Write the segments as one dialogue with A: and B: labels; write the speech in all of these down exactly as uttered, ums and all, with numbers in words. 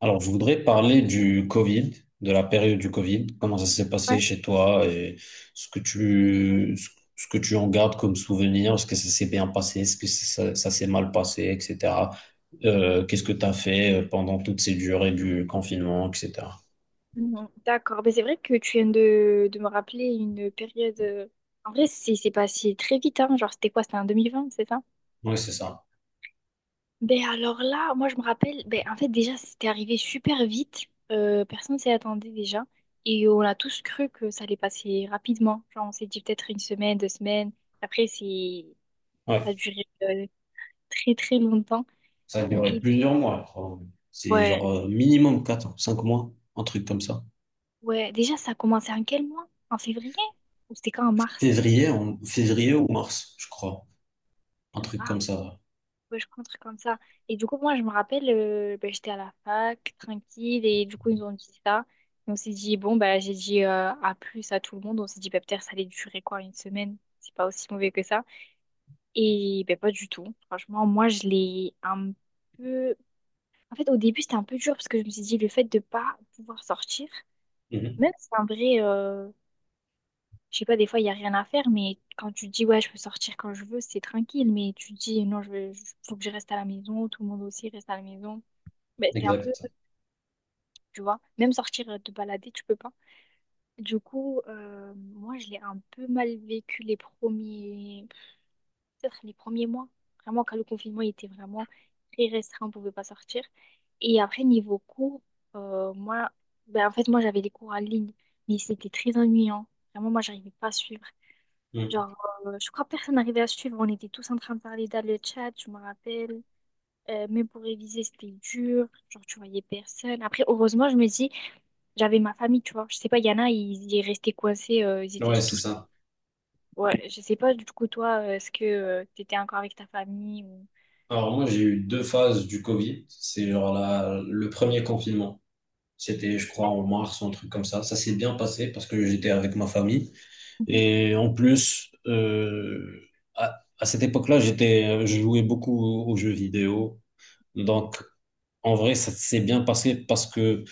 A: Alors, je voudrais parler du Covid, de la période du Covid, comment ça s'est
B: Ouais.
A: passé chez toi et ce que tu, ce ce que tu en gardes comme souvenir, est-ce que ça s'est bien passé, est-ce que ça, ça s'est mal passé, et cetera. Euh, qu'est-ce que tu as fait euh, pendant toutes ces durées du confinement, et cetera.
B: Mhm. D'accord, mais c'est vrai que tu viens de, de me rappeler une période. euh, En vrai, c'est c'est passé très vite, hein. Genre, c'était quoi? C'était en deux mille vingt, c'est ça?
A: Oui, c'est ça.
B: Ben alors là, moi je me rappelle, ben en fait déjà c'était arrivé super vite. Euh, personne s'y attendait déjà, et on a tous cru que ça allait passer rapidement. Genre on s'est dit peut-être une semaine, deux semaines, après c'est
A: Ouais.
B: ça a duré euh, très très longtemps.
A: Ça a duré
B: Et
A: plusieurs mois, je crois. C'est genre
B: ouais,
A: euh, minimum quatre, cinq mois, un truc comme ça.
B: ouais, déjà ça a commencé en quel mois? En février? Ou c'était quand en mars?
A: Février, en- février ou mars, je crois. Un
B: C'était en-
A: truc
B: Ah
A: comme ça.
B: ouais, je crois un truc comme ça. Et du coup, moi, je me rappelle, euh, ben, j'étais à la fac, tranquille, et du coup, ils nous ont dit ça. Et on s'est dit, bon, ben j'ai dit euh, à plus à tout le monde. On s'est dit, bah, peut-être ça allait durer quoi, une semaine? C'est pas aussi mauvais que ça. Et ben, pas du tout. Franchement, moi, je l'ai un peu. En fait, au début, c'était un peu dur parce que je me suis dit, le fait de pas pouvoir sortir, même
A: Mhm.
B: si en vrai, euh, je sais pas, des fois, il n'y a rien à faire, mais quand tu dis, ouais, je peux sortir quand je veux, c'est tranquille. Mais tu dis, non, je veux, faut que je reste à la maison, tout le monde aussi reste à la maison. Mais c'est un peu,
A: Exact.
B: tu vois, même sortir euh, te balader, tu peux pas. Du coup, euh, moi, je l'ai un peu mal vécu les premiers, peut-être les premiers mois. Vraiment, quand le confinement était vraiment très restreint, on pouvait pas sortir. Et après, niveau cours, euh, moi, ben, en fait, moi, j'avais des cours en ligne, mais c'était très ennuyant. Vraiment, moi, j'arrivais pas à suivre.
A: Mhm.
B: Genre, euh, je crois que personne n'arrivait à suivre. On était tous en train de parler dans le chat, je me rappelle. Euh, mais pour réviser, c'était dur. Genre, tu voyais personne. Après, heureusement, je me dis, j'avais ma famille, tu vois. Je sais pas, il y en a, ils, ils restaient coincés. euh, ils étaient
A: Ouais, c'est
B: tous.
A: ça.
B: Ouais, je sais pas, du coup, toi, euh, est-ce que tu t'étais encore avec ta famille ou...
A: Alors moi j'ai eu deux phases du Covid. C'est genre la, le premier confinement. C'était je crois en mars ou un truc comme ça. Ça s'est bien passé parce que j'étais avec ma famille.
B: Mhm.
A: Et en plus, euh, à, à cette époque-là, j'étais, je jouais beaucoup aux jeux vidéo. Donc en vrai ça s'est bien passé parce que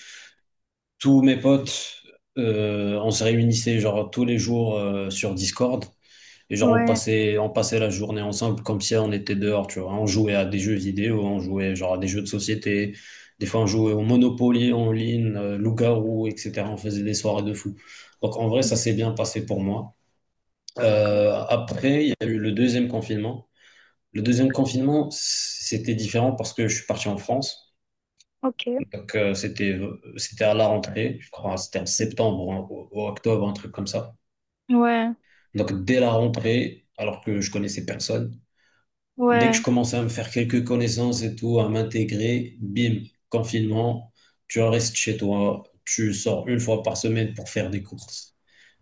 A: tous mes potes, euh, on se réunissait genre tous les jours euh, sur Discord. Et genre, on
B: Ouais,
A: passait, on passait la journée ensemble comme si on était dehors, tu vois. On jouait à des jeux vidéo, on jouait genre à des jeux de société. Des fois, on jouait au Monopoly en ligne, euh, Loup-garou, et cetera. On faisait des soirées de fou. Donc, en vrai, ça
B: mhm,
A: s'est bien passé pour moi.
B: d'accord.
A: Euh, après, il y a eu le deuxième confinement. Le deuxième
B: Ok.
A: confinement, c'était différent parce que je suis parti en France.
B: Ok.
A: Donc, euh, c'était, c'était à la rentrée, je crois, c'était en septembre, ou en- ou octobre, un truc comme ça.
B: Ouais,
A: Donc, dès la rentrée, alors que je connaissais personne. Dès que je
B: ouais,
A: commençais à me faire quelques connaissances et tout, à m'intégrer, bim, confinement, tu restes chez toi, tu sors une fois par semaine pour faire des courses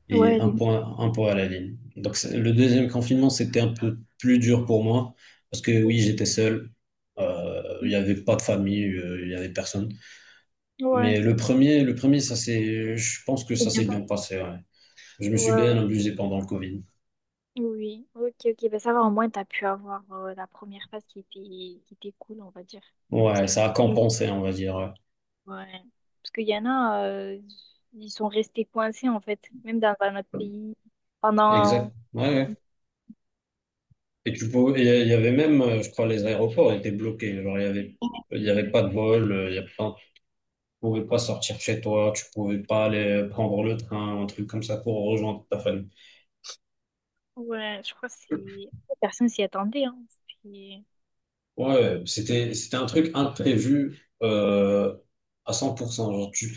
A: et
B: ouais,
A: un
B: les...
A: point, un point à la ligne. Donc c'est- le deuxième confinement, c'était un peu plus dur pour moi parce que oui, j'étais seul, euh, il
B: Mhm.
A: n'y avait pas de famille, euh, il n'y avait personne. Mais
B: Ouais,
A: le premier, le premier, ça c'est, je pense que
B: c'est
A: ça
B: bien
A: s'est
B: passé.
A: bien passé. Ouais. Je me
B: Ouais,
A: suis
B: ouais.
A: bien amusé pendant le Covid.
B: Oui, ok, ok. Ben, ça va, au moins, t'as pu avoir euh, la première phase qui était, qui était cool, on va dire. Parce
A: Ouais,
B: que
A: ça a compensé, on va dire. Ouais.
B: ouais. Parce qu'il y en a, euh, ils sont restés coincés en fait, même dans un autre pays pendant.
A: Exact. Ouais, ouais. Et tu peux, il y a- il y avait même, euh, je crois, les aéroports étaient bloqués. Genre, il y avait, il y avait
B: Ouais,
A: pas de vol, euh, il y a pas, tu pouvais pas sortir chez toi, tu pouvais pas aller euh, prendre le train, un truc comme ça pour rejoindre ta famille.
B: ouais, je crois que c'est. Personne s'y attendait, hein. Puis-
A: Ouais, c'était, c'était un truc imprévu, euh, à cent pour cent. Genre, tu,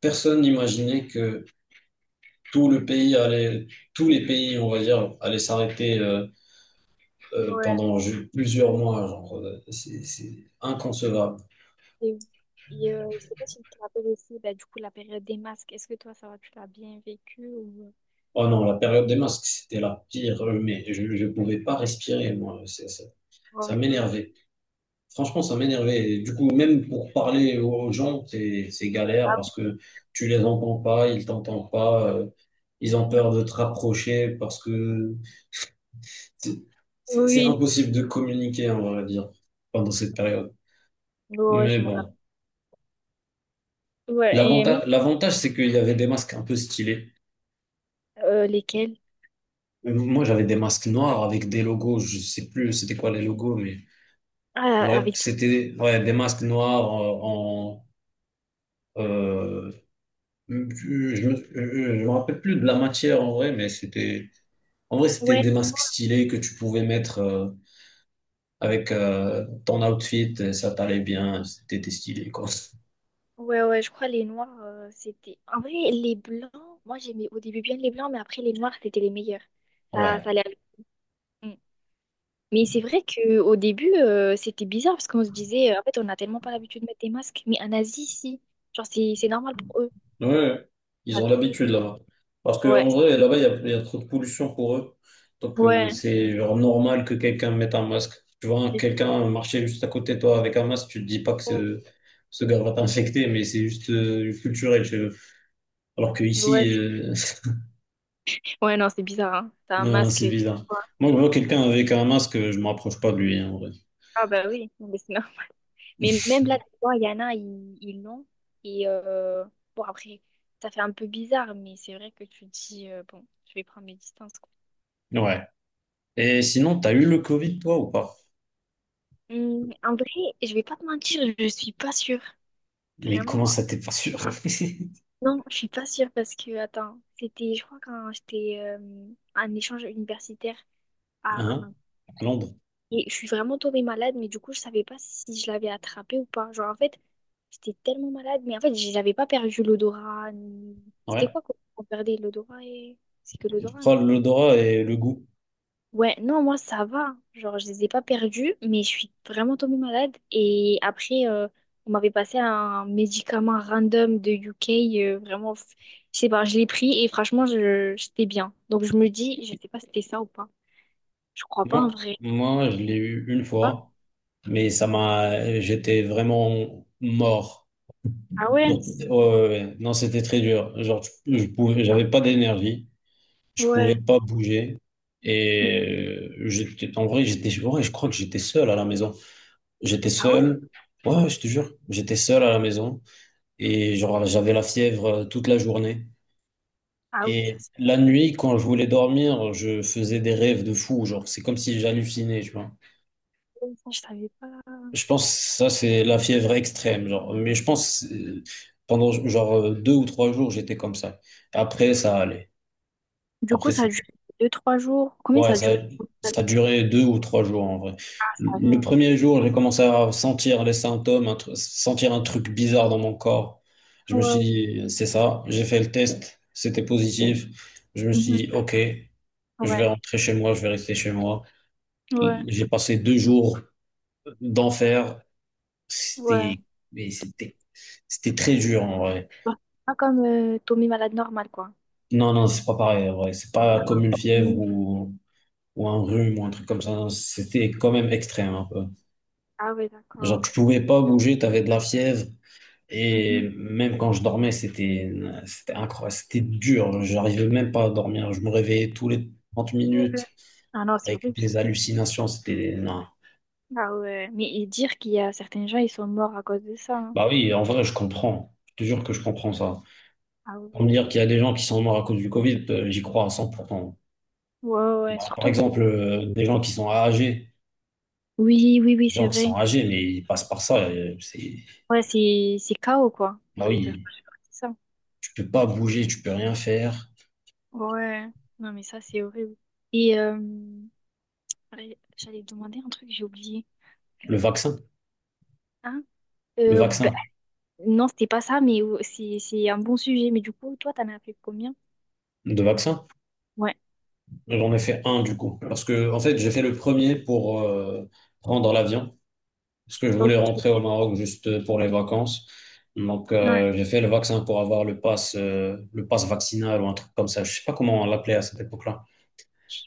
A: personne n'imaginait que tout le pays allait, tous les pays, on va dire, allaient s'arrêter, euh, euh,
B: ouais.
A: pendant ju- plusieurs mois. Genre, euh, c'est, c'est inconcevable.
B: Et, et, euh, je sais pas si tu te rappelles aussi, bah, du coup, la période des masques, est-ce que toi, ça va, tu l'as bien vécu ou...
A: Oh non, la période des masques, c'était la pire, euh, mais je ne pouvais pas respirer, moi. c'est- Ça, ça
B: Ouais, t'es-
A: m'énervait. Franchement, ça m'énervait. Et du coup, même pour parler aux gens, c'est c'est galère parce que tu les entends pas, ils t'entendent pas, euh, ils ont peur de te rapprocher parce que c'est c'est- c'est
B: oui,
A: impossible de communiquer, on va dire, pendant cette période.
B: ouais,
A: Mais
B: je me rappelle.
A: bon,
B: Ouais, et même
A: l'avantage, l'avantage, c'est qu'il y avait des masques un peu stylés.
B: euh, lesquels?
A: Moi, j'avais des masques noirs avec des logos, je sais plus c'était quoi les logos, mais.
B: Ah,
A: Ouais,
B: avec...
A: c'était ouais, des masques noirs euh, en. euh, je me, je me rappelle plus de la matière en vrai, mais c'était. En vrai, c'était
B: Ouais.
A: des masques stylés que tu pouvais mettre euh, avec euh, ton outfit, ça t'allait bien, c'était stylé, quoi.
B: Ouais, ouais, je crois les noirs, euh, c'était... En vrai, les blancs, moi j'aimais au début bien les blancs, mais après les noirs, c'était les meilleurs. Ça,
A: Ouais.
B: ça allait avec. Mm. Mais c'est vrai qu'au début, euh, c'était bizarre parce qu'on se disait, euh, en fait, on n'a tellement pas l'habitude de mettre des masques, mais en Asie, si. Genre, c'est c'est normal pour eux.
A: Ouais, ouais. Ils
B: Ça
A: ont
B: tout...
A: l'habitude là-bas. Parce
B: Ouais,
A: qu'en vrai, là-bas, il y a, il y a trop de pollution pour eux. Donc, euh,
B: ouais.
A: c'est genre normal que quelqu'un mette un masque. Tu vois, quelqu'un marcher juste à côté de toi avec un masque, tu te dis pas que ce, ce gars va t'infecter, mais c'est juste euh, culturel chez eux. Alors
B: Ouais,
A: qu'ici,
B: c'est-
A: euh,
B: ouais, non, c'est bizarre, hein. T'as un
A: non,
B: masque
A: c'est
B: et tu...
A: bizarre.
B: vois.
A: Moi, je vois quelqu'un avec un masque, je ne m'approche pas de lui, hein, en vrai.
B: Ah bah oui, mais c'est mais même là, tu vois, il y en a, ils ils l'ont. Et euh, bon, après, ça fait un peu bizarre, mais c'est vrai que tu te dis, euh, bon, je vais prendre mes distances, quoi.
A: Ouais. Et sinon, t'as eu le Covid, toi, ou pas?
B: Hum, en vrai, je vais pas te mentir, je suis pas sûre.
A: Mais
B: Vraiment,
A: comment ça, t'es pas sûr?
B: non, je suis pas sûre parce que, attends, c'était, je crois, quand j'étais euh, en échange universitaire à,
A: Hein?
B: en
A: À Londres.
B: et je suis vraiment tombée malade, mais du coup, je savais pas si je l'avais attrapé ou pas. Genre, en fait, j'étais tellement malade, mais en fait, j- j'avais pas perdu l'odorat. Ni- C'était
A: Ouais.
B: quoi qu'on on perdait l'odorat et... C'est que
A: Je
B: l'odorat, non?
A: crois que l'odorat et le goût.
B: Ouais, non, moi, ça va. Genre, je les ai pas perdus, mais je suis vraiment tombée malade. Et après, euh, on m'avait passé un médicament random de U K, euh, vraiment, f- je sais pas, je l'ai pris et franchement, je... j'étais bien. Donc, je me dis, je sais pas si c'était ça ou pas. Je crois pas en
A: Moi,
B: vrai.
A: moi, je l'ai eu une fois, mais ça m'a, j'étais vraiment mort.
B: Ah ouais?
A: Donc, ouais, ouais, ouais. Non, c'était très dur. Genre, je, je pouvais, j'avais pas d'énergie, je pouvais
B: Ouais.
A: pas bouger. Et euh, j'étais, en vrai, j'étais, ouais, je crois que j'étais seul à la maison. J'étais
B: Ah
A: seul. Ouais, je te jure, j'étais seul à la maison. Et genre, j'avais la fièvre euh, toute la journée.
B: ah oui, ça
A: Et
B: c'est
A: la nuit, quand je voulais dormir, je faisais des rêves de fou. Genre, c'est comme si j'hallucinais, tu vois.
B: bon, ça, je savais pas.
A: Je pense que ça, c'est la fièvre extrême. Genre. Mais je pense euh, pendant genre euh, deux ou trois jours, j'étais comme ça. Après, ça allait.
B: Du coup,
A: Après,
B: ça a duré
A: c'était.
B: deux, trois jours. Combien
A: Ouais,
B: ça a
A: ça,
B: duré?
A: ça durait deux ou trois jours en vrai.
B: Ah, ça
A: Le le
B: va.
A: premier jour, j'ai commencé à sentir les symptômes, un tru- sentir un truc bizarre dans mon corps. Je me suis
B: Ouais.
A: dit, c'est ça. J'ai fait le test, c'était positif. Je me suis
B: Mhm.
A: dit, OK, je vais
B: Ouais.
A: rentrer chez moi, je vais rester chez moi.
B: Ouais.
A: J'ai passé deux jours d'enfer.
B: Ouais.
A: C'était, mais c'était, c'était très dur en vrai.
B: Bah, c'est pas comme euh, Tommy malade normal, quoi.
A: Non, non, c'est pas pareil en vrai. C'est pas comme une fièvre ou, ou un rhume ou un truc comme ça. Non, c'était quand même extrême un peu.
B: Ah ouais,
A: Genre,
B: d'accord.
A: tu pouvais pas bouger, t'avais de la fièvre. Et
B: Mhm.
A: même quand je dormais, c'était, c'était incroyable. C'était dur. J'arrivais même pas à dormir. Je me réveillais tous les trente
B: Ouais.
A: minutes
B: Ah non, c'est
A: avec
B: horrible ça.
A: des hallucinations. C'était, non.
B: Ah ouais. Mais et dire qu'il y a certains gens, ils sont morts à cause de ça. Hein.
A: Bah oui, en vrai, je comprends. Je te jure que je comprends ça.
B: Ah
A: Pour
B: ouais.
A: me dire qu'il y a des gens qui sont morts à cause du Covid, euh, j'y crois à cent pour cent.
B: Ouais, ouais.
A: Bah, par
B: Surtout que.
A: exemple, euh, des gens qui sont âgés,
B: Oui, oui, oui,
A: des
B: c'est
A: gens qui sont
B: vrai.
A: âgés, mais ils passent par ça. euh, c'est,
B: Ouais, c'est c'est chaos, quoi.
A: bah
B: Genre, ils peuvent
A: oui,
B: pas supporter ça.
A: tu peux pas bouger, tu peux rien faire.
B: Ouais. Non, mais ça, c'est horrible. Et euh, ouais, j'allais te demander un truc, j'ai oublié.
A: Le vaccin,
B: Hein?
A: le
B: Euh, bah,
A: vaccin,
B: non, c'était pas ça, mais euh, c'est c'est un bon sujet. Mais du coup, toi, t'en as fait combien?
A: de vaccin,
B: Ouais,
A: j'en ai fait un du coup. Parce que, en fait, j'ai fait le premier pour euh, prendre l'avion, parce que je voulais rentrer
B: ok.
A: au Maroc juste pour les vacances. Donc,
B: Ouais.
A: euh, j'ai fait le vaccin pour avoir le pass, euh, le pass vaccinal ou un truc comme ça. Je sais pas comment on l'appelait à cette époque-là.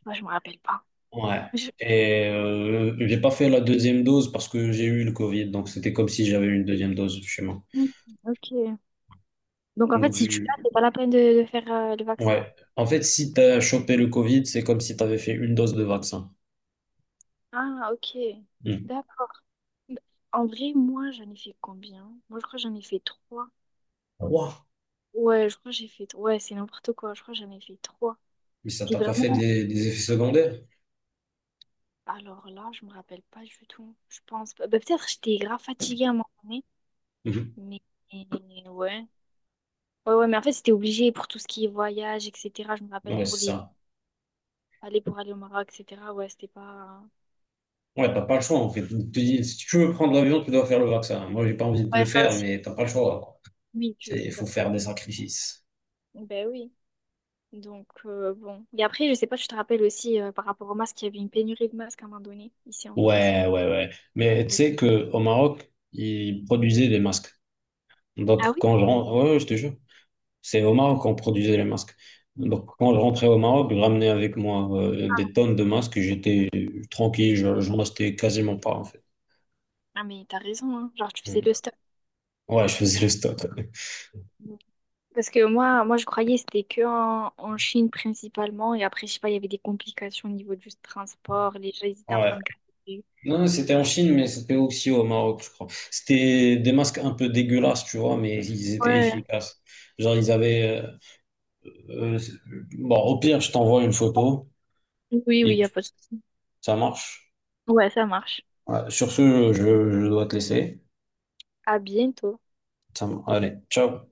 B: Moi, je me rappelle pas.
A: Ouais.
B: Je-
A: Et euh, j'ai pas fait la deuxième dose parce que j'ai eu le Covid, donc c'était comme si j'avais eu une deuxième dose chez moi.
B: hmm, ok. Donc, en fait,
A: Donc
B: si tu l'as,
A: je...
B: c'est pas la peine de, de faire euh, le vaccin.
A: ouais. En fait, si t'as chopé le Covid, c'est comme si t'avais fait une dose de vaccin.
B: Ah, ok.
A: Hmm.
B: D'accord. Bah, en vrai, moi, j'en ai fait combien? Moi, je crois que j'en ai fait trois.
A: Ouah.
B: Ouais, je crois que j'ai fait... Ouais, c'est n'importe quoi. Je crois que j'en ai fait trois.
A: Mais ça
B: C'était
A: t'a pas fait
B: vraiment...
A: des, des effets secondaires?
B: Alors là, je me rappelle pas du tout. Je pense pas. Bah, peut-être j'étais grave fatiguée à un moment donné.
A: Mhm.
B: Mais mais ouais. Ouais, ouais, mais en fait, c'était obligé pour tout ce qui est voyage, et cetera. Je me rappelle
A: Ouais,
B: pour
A: c'est
B: les
A: ça.
B: aller pour aller au Maroc, et cetera. Ouais, c'était pas.
A: Ouais, t'as pas le choix en fait. Tu te dis, si tu veux prendre l'avion, tu dois faire le vaccin. Moi, j'ai pas envie de
B: Ouais,
A: le
B: ça
A: faire,
B: aussi.
A: mais t'as pas le choix, quoi.
B: Oui, tu...
A: C'est, il faut faire des sacrifices.
B: Ben oui. Donc euh, bon. Et après, je sais pas, je te rappelle aussi euh, par rapport aux masques, il y avait une pénurie de masques à un moment donné, ici en France.
A: Ouais, ouais, ouais. Mais tu
B: Ouais.
A: sais que au Maroc, ils produisaient des masques. Donc,
B: Ah oui?
A: quand je rentre, ouais, ouais, je te jure, c'est au Maroc qu'on produisait les masques. Donc, quand je rentrais au Maroc, je ramenais avec moi euh, des tonnes de masques. J'étais tranquille, je- j'en achetais quasiment pas, en fait.
B: Ah mais t'as raison, hein. Genre tu faisais
A: Mm.
B: le stock.
A: Ouais, je faisais le stock.
B: Parce que moi, moi je croyais que c'était que en, en Chine principalement. Et après, je sais pas, il y avait des complications au niveau du transport. Les gens, ils étaient en
A: Ouais.
B: train de galérer.
A: Non, c'était en Chine, mais c'était aussi au Maroc, je crois. C'était des masques un peu dégueulasses, tu vois, mais ils étaient
B: Ouais.
A: efficaces. Genre, ils avaient. euh, euh, bon, au pire, je t'envoie une photo
B: Oui, oui, il
A: et
B: n'y a pas de souci.
A: ça marche.
B: Ouais, ça marche.
A: Ouais, sur ce, je, je dois te laisser.
B: À bientôt.
A: Ça m- Allez, ciao.